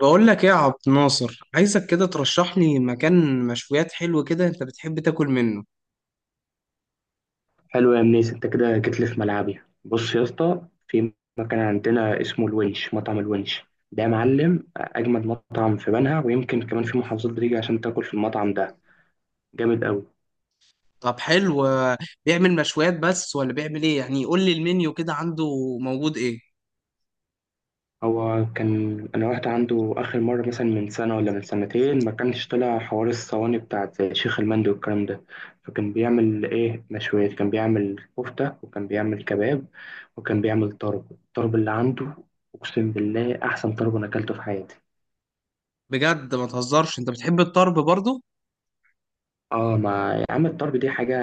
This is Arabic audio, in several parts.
بقول لك ايه يا عبد الناصر، عايزك كده ترشح لي مكان مشويات حلو كده انت بتحب تاكل منه. حلو يا منيس، انت كده جيت لي في ملعبي. بص يا اسطى، في مكان عندنا اسمه الونش، مطعم الونش ده يا معلم اجمد مطعم في بنها، ويمكن كمان في محافظات بتيجي عشان تاكل في المطعم ده. جامد قوي. طب حلو، بيعمل مشويات بس ولا بيعمل ايه؟ يعني قول لي المنيو كده عنده، موجود ايه؟ هو كان انا رحت عنده اخر مره مثلا من سنه ولا من سنتين، ما كانش طلع حوار الصواني بتاعت زي شيخ المندي والكلام ده. فكان بيعمل ايه؟ مشويات. كان بيعمل كفته وكان بيعمل كباب وكان بيعمل طرب. الطرب اللي عنده اقسم بالله احسن طرب انا اكلته في حياتي. بجد ما تهزرش، انت بتحب الطرب برضو؟ اه ما يا عم، الطرب دي حاجة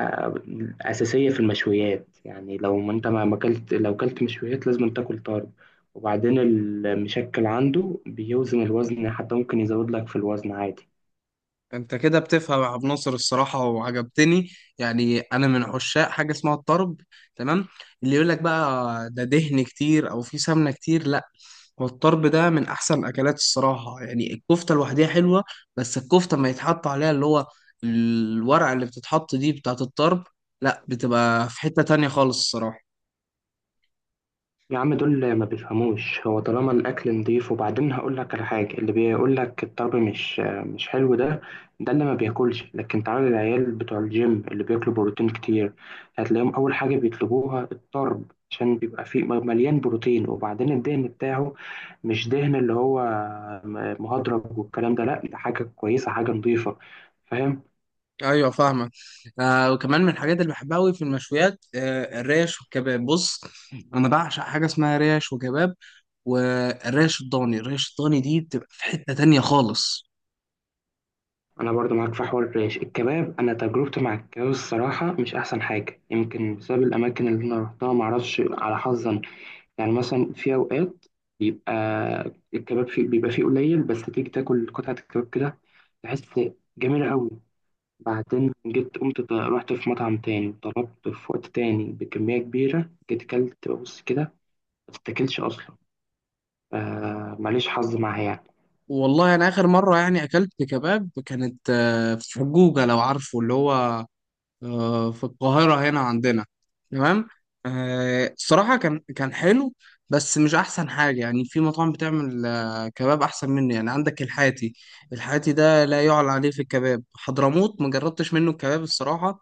أساسية في المشويات. يعني لو ما انت ما ما اكلت لو اكلت مشويات لازم تاكل طرب. وبعدين المشكل عنده بيوزن الوزن، حتى ممكن يزود لك في الوزن عادي. انت كده بتفهم يا عبد الناصر الصراحة وعجبتني. يعني انا من عشاق حاجة اسمها الطرب، تمام. اللي يقول لك بقى ده دهن كتير او في سمنة كتير، لا. والطرب ده من احسن الاكلات الصراحه، يعني الكفته لوحدها حلوه، بس الكفته ما يتحط عليها اللي هو الورقه اللي بتتحط دي بتاعه الطرب، لا، بتبقى في حته تانية خالص الصراحه. يا عم دول ما بيفهموش. هو طالما الاكل نضيف. وبعدين هقول لك على حاجه، اللي بيقول لك الطرب مش حلو ده، ده اللي ما بياكلش. لكن تعالى العيال بتوع الجيم اللي بياكلوا بروتين كتير، هتلاقيهم اول حاجه بيطلبوها الطرب، عشان بيبقى فيه مليان بروتين. وبعدين الدهن بتاعه مش دهن اللي هو مهدرج والكلام ده، لا ده حاجه كويسه، حاجه نضيفه. فاهم؟ ايوه، فاهمك. آه، وكمان من الحاجات اللي بحبها قوي في المشويات الريش والكباب. بص، انا بعشق حاجه اسمها ريش وكباب. والريش الضاني، الريش الضاني دي بتبقى في حته تانية خالص. انا برضو معاك في حوار الريش الكباب. انا تجربتي مع الكباب الصراحه مش احسن حاجه، يمكن بسبب الاماكن اللي انا رحتها، ما اعرفش على حظا. يعني مثلا في اوقات بيبقى الكباب فيه بيبقى فيه قليل، بس تيجي تاكل قطعه الكباب كده تحس جميله قوي. بعدين جيت قمت رحت في مطعم تاني، طلبت في وقت تاني بكميه كبيره، جيت اكلت بص كده ما تتاكلش اصلا. ماليش حظ معاها يعني. والله انا اخر مره يعني اكلت كباب كانت في حجوجه، لو عارفه اللي هو، في القاهرة هنا عندنا، تمام. الصراحة كان حلو، بس مش أحسن حاجة. يعني في مطاعم بتعمل كباب أحسن منه، يعني عندك الحاتي. الحاتي ده لا يعلى عليه في الكباب. حضرموت ما جربتش منه الكباب الصراحة،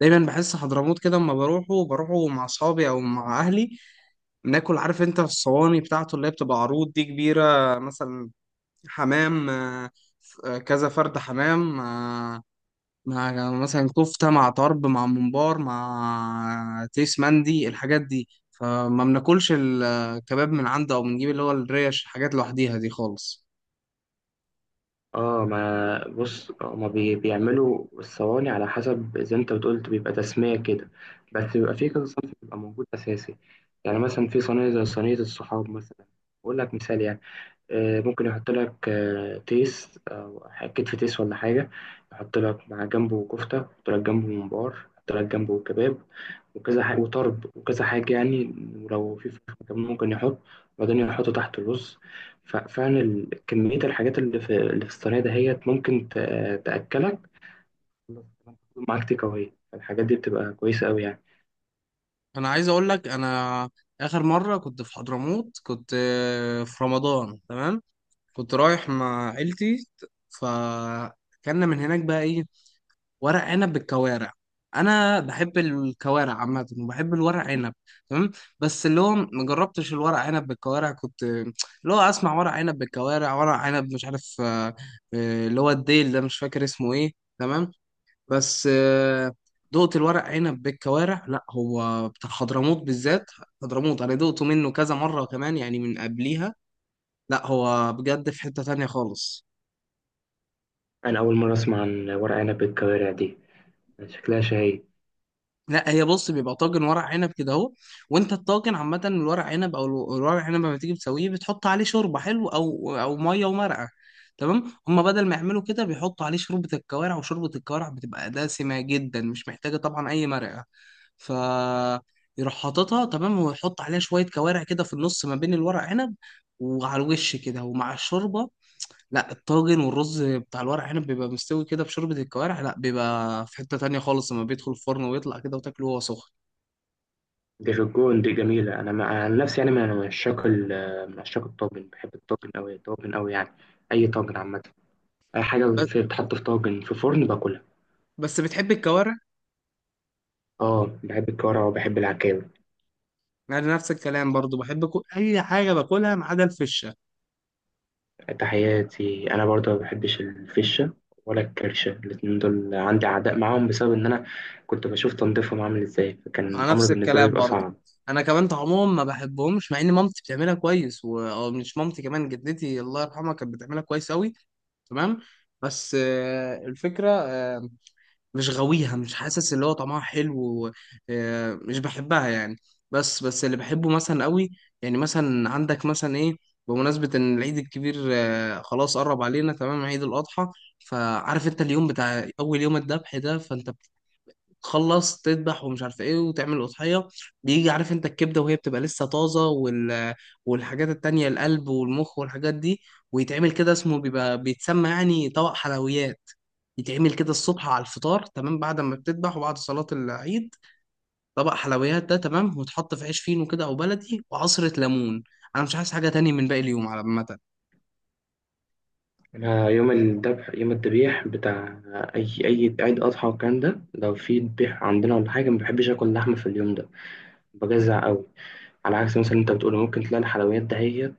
دايما بحس حضرموت كده أما بروحه بروحه مع أصحابي أو مع أهلي بناكل، عارف أنت الصواني بتاعته اللي هي بتبقى عروض دي كبيرة، مثلا حمام، كذا فرد حمام، مع مثلا كفتة مع طرب مع ممبار مع تيس مندي، الحاجات دي، فما بناكلش الكباب من عنده او بنجيب اللي هو الريش، الحاجات لوحديها دي خالص. اه ما بص، هما بيعملوا الصواني على حسب، زي انت بتقول بيبقى تسمية كده، بس بيبقى في كذا صنف بيبقى موجود أساسي. يعني مثلا في صينية زي صينية الصحاب مثلا، أقول لك مثال يعني. ممكن يحط لك تيس او كتف تيس ولا حاجه، يحط لك مع جنبه كفته، يحط لك جنبه ممبار، يحط لك جنبه كباب وكذا حاجه، وطرب وكذا حاجه يعني. ولو في فراخ كمان ممكن يحط. وبعدين يحط تحت الرز. فعلا كميه الحاجات اللي في الصينيه دهيت ممكن تاكلك معاك تيك اواي. الحاجات دي بتبقى كويسه قوي يعني. انا عايز اقول لك، انا اخر مرة كنت في حضرموت كنت في رمضان، تمام. كنت رايح مع عيلتي، فكنا من هناك بقى ايه، ورق عنب بالكوارع. انا بحب الكوارع عامه وبحب الورق عنب، تمام. بس اللي هو ما جربتش الورق عنب بالكوارع، كنت اللي هو اسمع ورق عنب بالكوارع، ورق عنب مش عارف اللي هو الديل ده، مش فاكر اسمه ايه، تمام. بس دقت الورق عنب بالكوارع، لا هو بتاع حضرموت بالذات. حضرموت انا دقته منه كذا مره كمان يعني من قبليها، لا هو بجد في حته تانية خالص. انا اول مره اسمع عن ورق عنب بالكوارع دي. شكلها شهيه. لا، هي بص، بيبقى طاجن ورق عنب كده اهو، وانت الطاجن عامه الورق عنب او الورق عنب لما تيجي تسويه بتحط عليه شوربه حلو او او ميه ومرقه، تمام. هما بدل ما يعملوا كده بيحطوا عليه شوربه الكوارع، وشوربه الكوارع بتبقى دسمه جدا، مش محتاجه طبعا اي مرقه. ف يروح حاططها، تمام، ويحط عليها شويه كوارع كده في النص ما بين الورق عنب وعلى الوش كده ومع الشوربه. لا، الطاجن والرز بتاع الورق عنب بيبقى مستوي كده في شوربة الكوارع، لا بيبقى في حتة تانية خالص لما بيدخل الفرن ويطلع كده وتاكله وهو سخن. دي في الجون، دي جميلة. أنا عن نفسي يعني من عشاق من عشاق الطاجن، بحب الطاجن أوي، الطاجن أوي يعني. أي طاجن عامة، أي حاجة بس في بتحط في طاجن في فرن باكلها. بس بتحب الكوارع؟ أه بحب الكرة وبحب العكاوي. أنا نفس الكلام برضو، بحب أي حاجة باكلها ما عدا الفشة. تحياتي، أنا برضه ما بحبش الفشة ولا الكرشة، الاتنين دول عندي عداء معاهم، بسبب إن أنا كنت بشوف تنظيفهم عامل إزاي، فكان مع الأمر نفس بالنسبة لي الكلام بيبقى برضو، صعب. أنا كمان طعمهم ما بحبهمش، مع إن مامتي بتعملها أو مش مامتي، كمان جدتي الله يرحمها كانت بتعملها كويس أوي، تمام. بس الفكرة، مش غاويها، مش حاسس اللي هو طعمها حلو و- مش بحبها يعني. بس اللي بحبه مثلا قوي، يعني مثلا عندك مثلا ايه، بمناسبة ان العيد الكبير خلاص قرب علينا، تمام، عيد الأضحى. فعارف انت اليوم بتاع اول يوم الذبح ده، فانت تخلص تذبح ومش عارف ايه وتعمل اضحيه، بيجي عارف انت الكبده وهي بتبقى لسه طازه والحاجات التانية، القلب والمخ والحاجات دي، ويتعمل كده، اسمه بيبقى بيتسمى يعني طبق حلويات. يتعمل كده الصبح على الفطار، تمام، بعد ما بتذبح وبعد صلاه العيد. طبق حلويات ده، تمام، وتحط في عيش فينو كده او بلدي وعصره ليمون، انا مش عايز حاجه تاني من باقي اليوم على عامه. أنا يوم الذبح، يوم الذبيح بتاع أي عيد أضحى والكلام ده، لو في ذبيح عندنا ولا حاجة ما بحبش آكل لحمة في اليوم ده. بجزع قوي. على عكس مثلا انت بتقول ممكن تلاقي الحلويات دهيت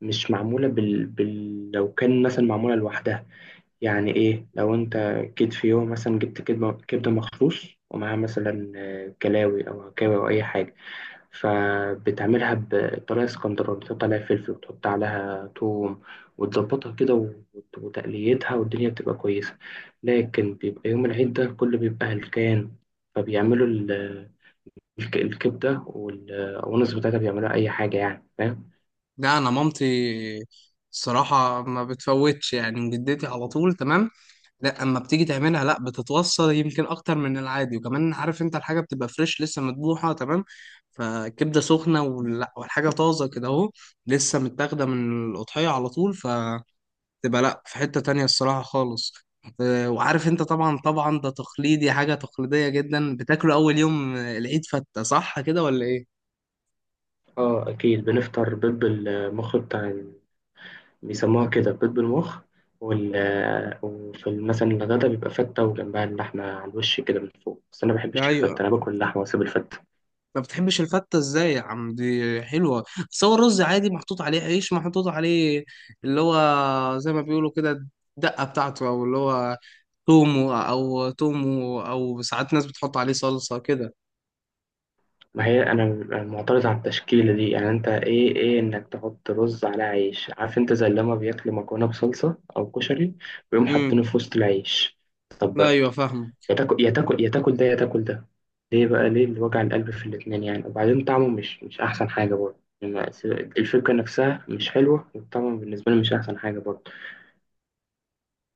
مش معمولة لو كان مثلا معمولة لوحدها. يعني ايه؟ لو انت كيد في يوم مثلا جبت كبدة، كبدة مخروص ومعاها مثلا كلاوي او عكاوي او اي حاجة، فبتعملها بطريقة اسكندراني، تحط عليها فلفل وتحط عليها توم وتظبطها كده وتقليتها، والدنيا بتبقى كويسة. لكن بيبقى يوم العيد ده كله بيبقى هلكان، فبيعملوا الكبدة والأونس بتاعتها بيعملوها أي حاجة يعني. فاهم؟ لا، انا مامتي الصراحه ما بتفوتش، يعني جدتي على طول، تمام. لا، اما بتيجي تعملها، لا بتتوصل يمكن اكتر من العادي، وكمان عارف انت الحاجه بتبقى فريش لسه مذبوحه، تمام، فكبده سخنه ولا، والحاجه طازه كده اهو، لسه متاخده من القطعيه على طول، فتبقى لا في حته تانية الصراحه خالص. وعارف انت طبعا، طبعا ده تقليدي، حاجه تقليديه جدا بتاكله اول يوم العيد، فته، صح كده ولا ايه؟ آه أكيد بنفطر بيض بالمخ بتاع بيسموها كده بيض بالمخ وال... وفي مثلا الغدا بيبقى فتة وجنبها اللحمة على الوش كده من فوق، بس أنا ما بحبش الفتة، ايوه. أنا باكل اللحمة وأسيب الفتة. ما بتحبش الفتة ازاي يا عم، دي حلوة. بس هو الرز عادي محطوط عليه عيش محطوط عليه، اللي هو زي ما بيقولوا كده الدقة بتاعته، او اللي هو تومو او تومو، او ساعات ناس بتحط عليه صلصة كده. ما هي أنا معترض على التشكيلة دي. يعني أنت إيه إنك تحط رز على عيش، عارف أنت زي لما بياكلوا مكرونة بصلصة أو كشري، ويقوم امم حاطينه في وسط العيش. لا، طب ايوه فاهمه. يا تاكل، يا تاكل يا تاكل ده يا تاكل ده. ليه بقى؟ ليه الوجع القلب في الاتنين يعني؟ وبعدين طعمه مش أحسن حاجة برضه يعني. الفكرة نفسها مش حلوة، والطعم بالنسبة لي مش أحسن حاجة برضه.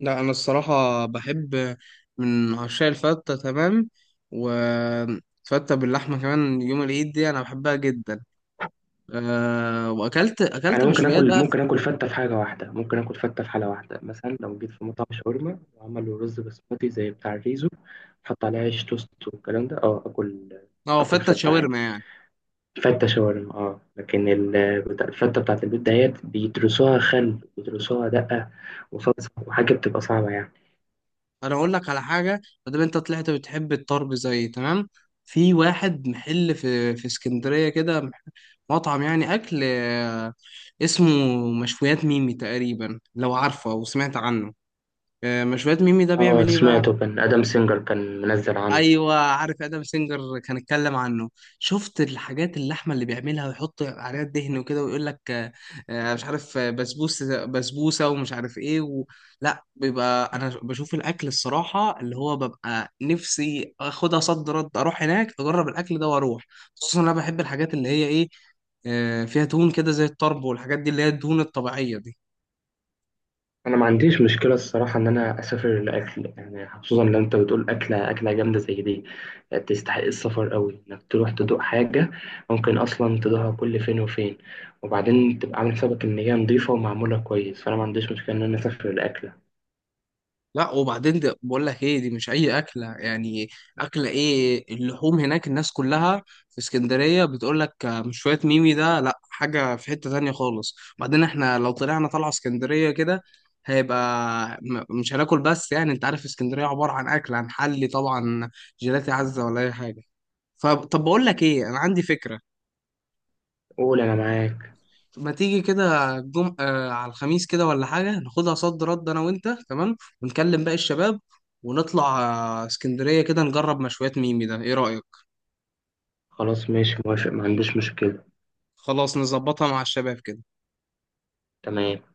لا، انا الصراحة بحب، من عشاق الفتة، تمام، وفتة باللحمة كمان يوم العيد دي انا بحبها جدا. أه، واكلت يعني اكلت مشويات بقى. ممكن آكل فتة في حالة واحدة، مثلا لو جيت في مطعم شاورما وعملوا رز بسمتي زي بتاع الريزو، حط عليه عيش توست والكلام ده، اه آكل. اه، آكل فتة فتة شاورما عادي، يعني. فتة شاورما اه. لكن الفتة بتاعت البيت ديت بيدرسوها خل بيدرسوها دقة وصلصة وحاجة، بتبقى صعبة يعني. انا اقول لك على حاجه، ما دام انت طلعت بتحب الطرب زي تمام، في واحد محل في اسكندريه كده مطعم يعني اكل، اسمه مشويات ميمي تقريبا، لو عارفه او سمعت عنه. مشويات ميمي ده اه بيعمل ايه بقى؟ سمعته، كان ادم سينجر كان منزل عنه. ايوه، عارف ادم سينجر كان اتكلم عنه، شفت الحاجات اللحمه اللي بيعملها ويحط عليها الدهن وكده، ويقول لك مش عارف، بسبوسه بسبوسه ومش عارف ايه و... لا بيبقى انا بشوف الاكل الصراحه، اللي هو ببقى نفسي اخدها صد رد اروح هناك اجرب الاكل ده واروح. خصوصا انا بحب الحاجات اللي هي ايه، فيها دهون كده زي الطرب والحاجات دي اللي هي الدهون الطبيعيه دي. انا ما عنديش مشكله الصراحه ان انا اسافر لاكل، يعني خصوصا لو انت بتقول اكله اكله جامده زي دي، يعني تستحق السفر قوي انك تروح تدوق حاجه ممكن اصلا تدوقها كل فين وفين. وبعدين تبقى عامل حسابك ان هي نظيفه ومعموله كويس، فانا ما عنديش مشكله ان انا اسافر لاكله. لا وبعدين ده بقول لك ايه، دي مش اي اكله يعني، اكله ايه اللحوم هناك، الناس كلها في اسكندريه بتقول لك مش شويه ميمي ده، لا حاجه في حته تانية خالص. بعدين احنا لو طلعنا طلعه اسكندريه كده، هيبقى مش هناكل بس، يعني انت عارف اسكندريه عباره عن اكل، عن حلي طبعا، جيلاتي عزه ولا اي حاجه. فطب بقول لك ايه، انا عندي فكره، قول انا معاك. ما تيجي كده الجم... آه على الخميس كده ولا حاجة، ناخدها صد رد أنا وأنت، تمام، ونكلم باقي الشباب ونطلع، آه، اسكندرية كده نجرب مشويات ميمي ده، إيه رأيك؟ خلاص ماشي، موافق، ما عنديش مشكله. خلاص نظبطها مع الشباب كده. تمام.